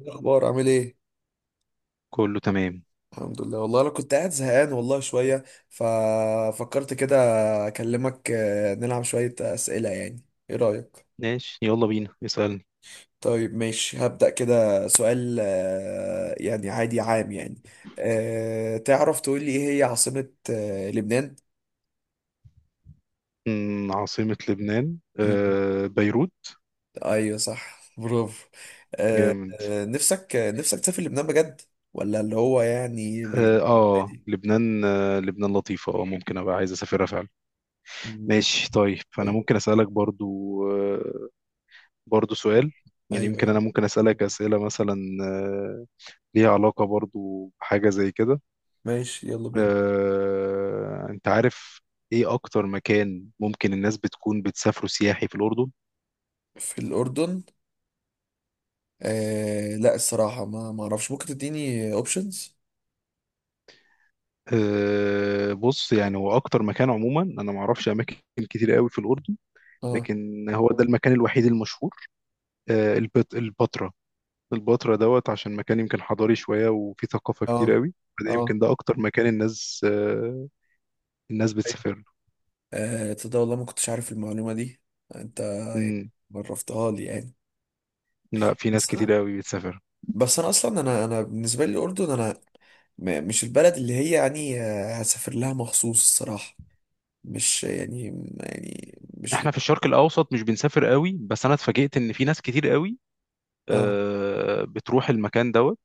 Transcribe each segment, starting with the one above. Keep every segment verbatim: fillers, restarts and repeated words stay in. إيه الاخبار؟ عامل ايه؟ كله تمام. الحمد لله. والله انا كنت قاعد زهقان والله شويه، ففكرت كده اكلمك، آه، نلعب شويه اسئله، يعني ايه رايك؟ ماشي، يلا بينا اسألني. طيب ماشي، هبدا كده سؤال، آه، يعني عادي عام يعني. أه، تعرف تقول لي ايه هي عاصمه آه، لبنان؟ مم، عاصمة لبنان مم. آه بيروت. ايوه صح، برافو. أه. جامد. آه، نفسك آه، نفسك تسافر لبنان بجد؟ ولا اللي هو يعني. اه آه، لبنان آه لبنان لطيفة، اه ممكن ابقى عايز اسافرها فعلا. مم. ماشي، طيب، فانا طيب. ممكن اسألك برضو. آه برضو سؤال. يعني ايوه يمكن انا يلا. ممكن اسألك اسئلة مثلا. آه ليها علاقة برضو بحاجة زي كده. ماشي يلا بينا. آه انت عارف، ايه اكتر مكان ممكن الناس بتكون بتسافروا سياحي في الأردن؟ في الأردن؟ آه لا، الصراحة ما ما اعرفش، ممكن تديني اوبشنز؟ أه بص، يعني هو اكتر مكان عموما، انا ما اعرفش اماكن كتير قوي في الاردن. اه، لكن هو ده المكان الوحيد المشهور. أه البت البتراء. البتراء دوت، عشان مكان يمكن حضاري شويه وفيه ثقافه اه، كتير قوي. فده اه. يمكن ده اكتر مكان الناس أه الناس أيوة. بتسافر له. آه، تصدق والله ما كنتش عارف المعلومة دي. انت مم. عرفتها لي يعني. لا، في ناس بس كتير انا، قوي بتسافر. بس انا اصلا انا انا بالنسبة لي الاردن انا، م- مش البلد اللي هي يعني آه، هسافر لها مخصوص الصراحة. مش يعني، يعني مش. احنا في الشرق الاوسط مش بنسافر قوي، بس انا اتفاجئت ان في ناس كتير قوي اه، أه بتروح المكان دوت،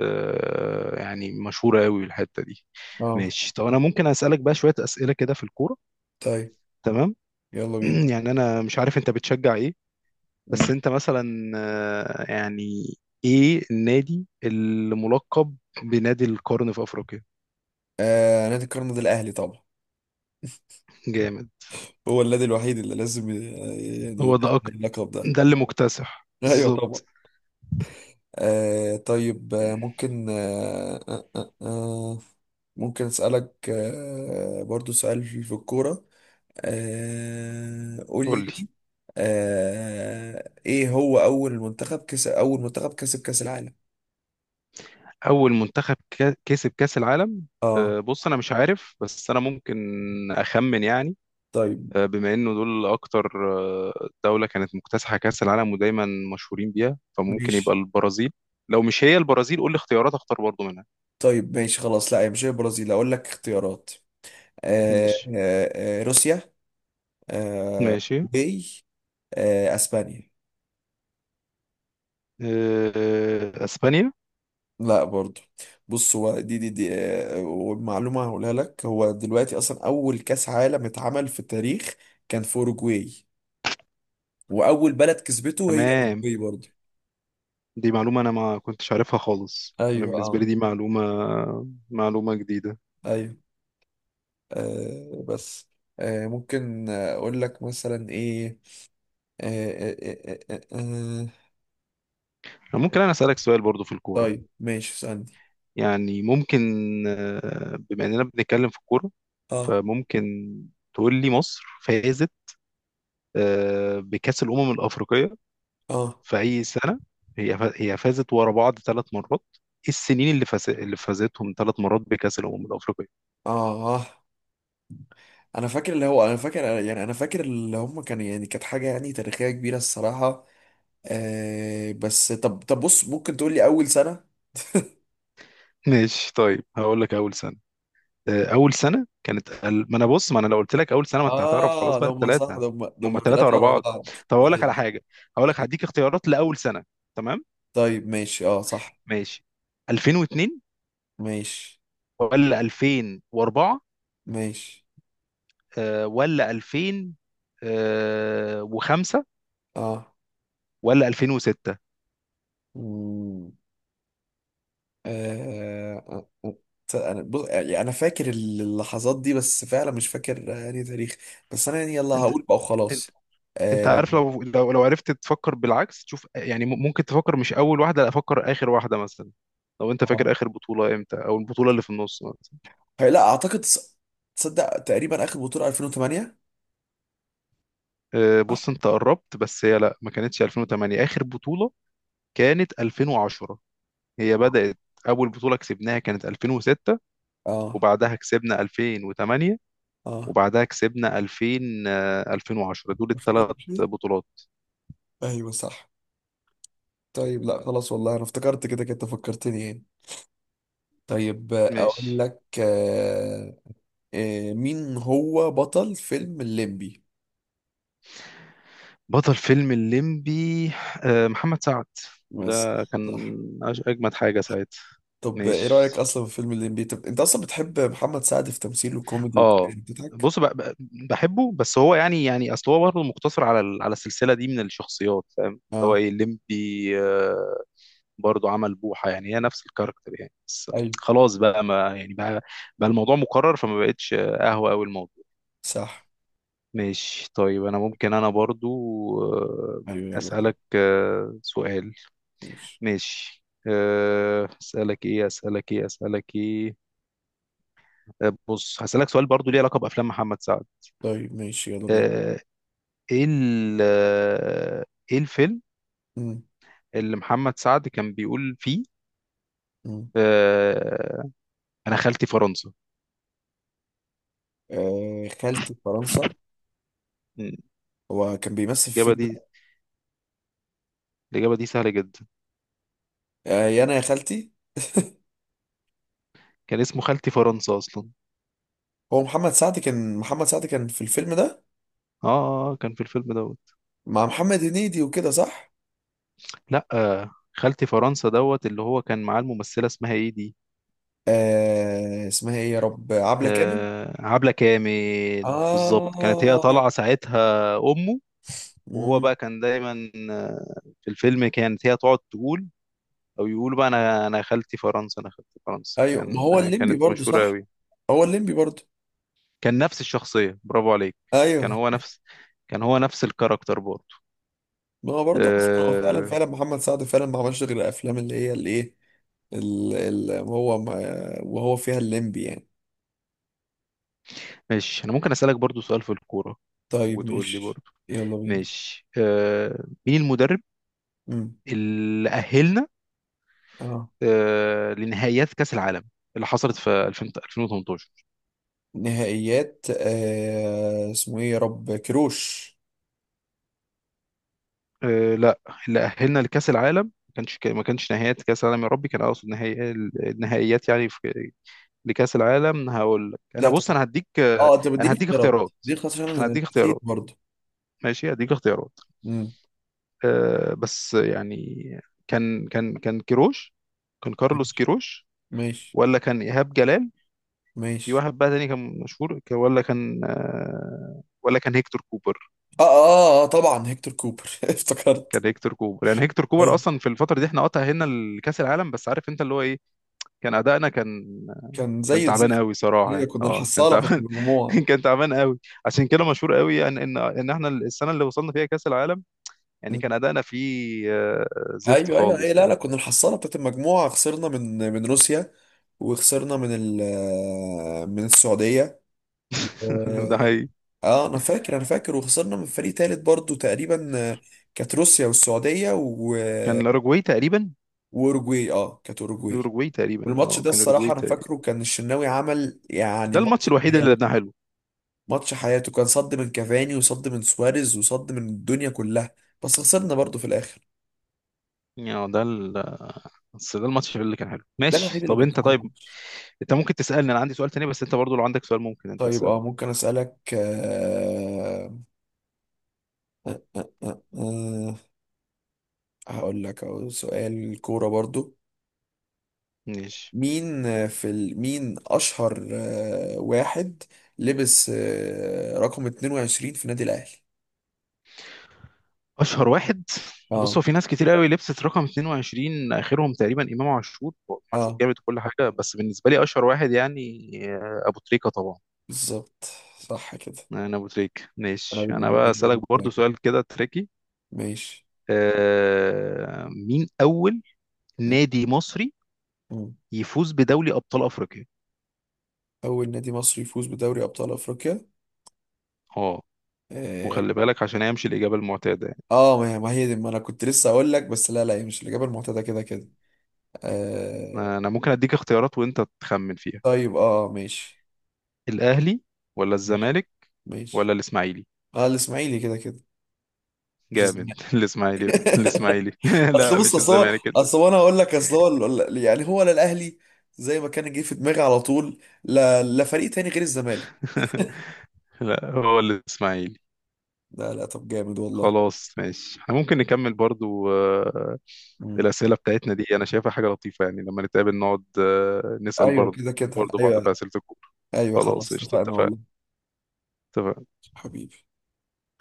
آه، يعني مشهورة قوي الحتة دي. اه. ماشي، طب انا ممكن اسألك بقى شوية أسئلة كده في الكورة؟ طيب تمام. يلا بينا. يعني انا مش عارف انت بتشجع ايه، بس انت مثلا، آه، يعني ايه النادي الملقب بنادي القرن في افريقيا؟ آه، نادي القرن ده الاهلي طبعا. جامد. هو النادي الوحيد اللي لازم ي- يعني هو ده يتأهل أكتر، اللقب ده. ده اللي مكتسح ايوه طبعا. بالظبط. آه طيب، آه، ممكن آه آه آه آه، ممكن أسألك آه برضو سؤال في الكورة. آه، قول لي. قول لي، آه، إيه هو أول منتخب كسب أول منتخب كسب كأس العالم؟ اول منتخب كا- كسب كأس العالم. اه. آه، بص، انا مش عارف بس انا ممكن اخمن يعني. طيب. آه، بما انه دول اكتر آه، دولة كانت مكتسحة كأس العالم ودايما مشهورين بيها، فممكن يبقى ماشي. البرازيل. لو مش هي البرازيل قول لي اختيارات، اختار برضو منها. طيب ماشي خلاص، لا هي مش هي البرازيل، اقول لك اختيارات. آه ماشي. آه آه روسيا. آه. ماشي. اوروجواي. آه، اسبانيا. آه، اسبانيا. لا برضو. بص، هو دي دي دي، آه، والمعلومة هقولها لك، هو دلوقتي أصلا أول كأس عالم اتعمل في التاريخ كان في أوروجواي، وأول بلد كسبته هي تمام. أوروجواي برضو. دي معلومة انا ما كنتش عارفها خالص، انا أيوه، بالنسبة لي أه. دي معلومة، معلومة جديدة. أيوه. آه بس. آه، ممكن أقول لك مثلا إيه. آه آه آه آه آه آه. ممكن انا اسألك سؤال برضو في الكورة؟ طيب ماشي، اسألني. يعني ممكن، آه، بما اننا بنتكلم في الكورة، أه فممكن تقول لي، مصر فازت آه، بكأس الأمم الأفريقية أه في أي سنة؟ هي فا- هي فازت ورا بعض ثلاث مرات. إيه السنين اللي فاز اللي فازتهم ثلاث مرات بكأس الأمم الأفريقية؟ أه. آه. أنا فاكر اللي هو، أنا فاكر يعني أنا فاكر اللي هم كانوا، يعني كانت حاجة يعني تاريخية كبيرة الصراحة. آه بس، طب طب بص، ممكن تقول لي اول سنه؟ ماشي، طيب هقول لك أول سنة. آه، أول سنة كانت ال- ما أنا بص، ما أنا لو قلت لك أول سنة ما أنت هتعرف خلاص اه، ده بقى هم صح، الثلاثة. ده هم ده هم هما ثلاثة ثلاثه ورا ورا بعض. بعض. طب أقول لك أيوة. على حاجة، هقول لك طيب. هديك اختيارات لأول سنة. تمام، طيب، ماشي، اه صح. ماشي. ألفين واثنين ماشي. ولا ألفين واربعة ماشي. آه، ولا ألفين وخمسة اه. ولا ألفين وستة؟ مم. آه، آه، آه. انا بص، يعني انا فاكر اللحظات دي، بس فعلا مش فاكر آه، يعني تاريخ. بس انا يعني، يلا انت هقول بقى وخلاص. انت آه. عارف، لو لو لو عرفت تفكر بالعكس تشوف، يعني م- ممكن تفكر، مش اول واحده، لا، افكر اخر واحده مثلا. لو انت آه. فاكر اخر بطوله امتى، او البطوله اللي في النص مثلا. هي- لا اعتقد، تص- تصدق تقريبا اخر بطوله ألفين وتمانية. آه، بص انت قربت، بس هي لا، ما كانتش ألفين وثمانية اخر بطوله، كانت ألفين وعشرة. هي آه. بدات، اول بطوله كسبناها كانت ألفين وستة، اه، وبعدها كسبنا ألفين وتمانية، اه، وبعدها كسبنا ألفين آه، ألفين وعشرة. دول الثلاث ألفين وتمانية بطولات. ايوه صح. طيب لا خلاص، والله انا افتكرت كده كده فكرتني يعني. طيب، آه، اقول ماشي. لك، آه، آه، مين هو بطل فيلم الليمبي؟ بطل فيلم الليمبي آه، محمد سعد. بس. ده كان صح. أج- اجمد حاجه ساعتها. طب ايه رأيك ماشي. اصلا في فيلم الليمبي؟ طب انت اصلا بتحب محمد سعد في تمثيله الكوميدي اه، والكلام بتاعك؟ بص، ب- ب- بحبه، بس هو يعني يعني اصل هو برضه مقتصر على ال- على السلسله دي من الشخصيات، فاهم اللي هو اه. ايه الليمبي. آه، برضه عمل بوحه، يعني هي نفس الكاركتر يعني، بس ايوه. خلاص بقى، ما يعني بقى, بقى الموضوع مكرر، فما بقتش آه، قهوه قوي الموضوع. صح. ماشي، طيب انا ممكن انا برضه ايوه آه، يلا طب. اسالك آه، سؤال. ماشي. ماشي. أه، اسالك ايه اسالك ايه اسالك ايه. أه، بص، هسالك سؤال برضو ليه علاقه بافلام محمد سعد. طيب ماشي يلا بينا. أه، ايه ال- أه، ايه الفيلم مم. اللي محمد سعد كان بيقول فيه مم. أه، انا خالتي فرنسا. آه، خالتي في فرنسا. مم، هو كان بيمثل في الإجابة الفيلم دي، ده؟ الإجابة دي سهلة جدا. آه، يا انا يا خالتي. كان اسمه خالتي فرنسا أصلا. هو محمد سعد، كان محمد سعد كان في الفيلم ده آه آه، كان في الفيلم دوت. مع محمد هنيدي وكده، صح؟ لأ، آه، خالتي فرنسا دوت، اللي هو كان معاه الممثلة اسمها إيه دي؟ آه، اسمها ايه يا رب، عبلة كامل. آه عبلة كامل بالظبط، كانت هي اه. طالعة ساعتها أمه. وهو مم. بقى كان دايما آه، في الفيلم، كانت هي تقعد تقول او يقولوا بقى: انا انا خالتي فرنسا، انا خالتي فرنسا. ايوه، ما كان هو آه، الليمبي كانت برضو مشهورة صح. قوي. هو الليمبي برضو. كان نفس الشخصية، برافو عليك. كان ايوه. هو نفس كان هو نفس الكاركتر برضه. ما هو برضو اصلا هو، فعلا آه، فعلا محمد سعد فعلا ما عملش غير الافلام اللي هي الايه، ال- ال- هو ما، وهو فيها الليمبي يعني. ماشي، انا ممكن اسالك برضه سؤال في الكورة، طيب وتقول لي ماشي. برضه. يلا بينا. ماشي. آه، مين المدرب مم. اللي اهلنا اه، آه، لنهائيات كأس العالم اللي حصلت في ألفين ألفين وتمنتاشر؟ نهائيات، آه، اسمه ايه يا رب، كروش. آه لا، اللي أهلنا لكأس العالم، ما كانش ما كانش نهائيات كأس العالم، يا ربي كان أقصد نهائي، النهائيات يعني، في، لكأس العالم. هقول لك أنا، لا طب. بص، أنا هديك آه، اه، انت أنا بتديني هديك اختيارات اختيارات، دي خلاص عشان أنا انا هديك نسيت اختيارات. برضو. ماشي، هديك اختيارات. مم. آه بس يعني، كان كان كان كيروش كان كارلوس كيروش، ماشي. ولا كان إيهاب جلال، في ماشي. واحد بقى تاني كان مشهور، ك- ولا كان آه، ولا كان هيكتور كوبر. اه اه اه طبعا، هيكتور كوبر. افتكرت. كان هيكتور كوبر، يعني هيكتور كوبر ايوه. اصلا في الفتره دي احنا قطع هنا لكاس العالم، بس عارف انت اللي هو ايه، كان ادائنا، كان كان كان زي تعبان الزفت. قوي صراحه ايوه، يعني، كنا اه كان الحصاله بتاعت تعبان. المجموعه. كان تعبان قوي. عشان كده مشهور قوي يعني، ان ان احنا السنه اللي وصلنا فيها كاس العالم يعني كان مم. ادائنا فيه آه، زفت ايوه، ايوه، ايوه، خالص لا يعني. لا، كنا الحصاله بتاعت المجموعه، خسرنا من من روسيا، وخسرنا من ال، من السعوديه، و... ده حقيقي. اه، انا فاكر انا فاكر، وخسرنا من فريق تالت برضو تقريبا، آه، كانت روسيا والسعوديه و... كان الاوروجواي تقريبا، واوروجواي، اه كانت اوروجواي. الاوروجواي تقريبا والماتش اه ده كان الاوروجواي الصراحه انا تقريبا. فاكره، كان الشناوي عمل يعني ده الماتش ماتش، الوحيد اللي لعبناه حلو، ماتش حياته، كان صد من كافاني، وصد من سواريز، وصد من الدنيا كلها، بس خسرنا برضو في الاخر. يعني آه، ده ال... بس ده الماتش اللي كان حلو. ده ماشي، الوحيد اللي طب كنت انت، حاضر طيب الماتش. انت ممكن تسالني، انا عندي سؤال تاني، بس انت برضو لو عندك سؤال ممكن انت طيب تساله. اه، ممكن اسالك، آه آه آه آه آه، هقول لك أهو سؤال كوره برضو. ماشي. مين آه، في ال... مين اشهر آه واحد لبس آه رقم اتنين وعشرين في نادي الاهلي؟ اشهر واحد؟ بص، هو اه، في ناس كتير قوي لبست رقم اثنين وعشرين، اخرهم تقريبا امام عاشور، هو امام عاشور اه، جامد وكل حاجه، بس بالنسبه لي اشهر واحد يعني آه، ابو تريكه طبعا. بالظبط. صح كده. انا ابو تريكه. انا ماشي، انا بالنسبه بقى لي اسالك بالنسبة لي برضو كده. سؤال كده تريكي. ماشي. آه مين اول م- نادي مصري م. يفوز بدوري ابطال افريقيا؟ أول نادي مصري يفوز بدوري أبطال أفريقيا؟ اه، آه. وخلي بالك عشان هيمشي الاجابه المعتاده يعني. آه، ما هي ما هي دي، ما أنا كنت لسه أقول لك، بس لا لا، هي مش الإجابة المعتادة كده كده. آه. انا ممكن اديك اختيارات وانت تخمن فيها. طيب آه، ماشي. الاهلي، ولا ماشي. الزمالك، ولا ماشي. الاسماعيلي؟ آه، الإسماعيلي كده كده. مش جامد. الزمالك. الاسماعيلي، الاسماعيلي. أصل لا، بص، مش أصل هو الزمالك كده. أصل هو أنا هقول لك، أصل هو ال- ال- يعني هو، لا الأهلي، زي ما كان جه في دماغي على طول، لا لا فريق تاني غير الزمالك. لا، هو الاسماعيلي. لا لا، طب جامد والله. خلاص، ماشي، احنا ممكن نكمل برضو آه، مم. الاسئله بتاعتنا دي، انا شايفها حاجه لطيفه، يعني لما نتقابل نقعد آه، نسال أيوه برضو، كده كده برضو بعض في أيوه. اسئله الكوره. أيوه خلاص، خلاص، قشطه، اتفقنا اتفقنا. والله. اتفقنا. حبيبي.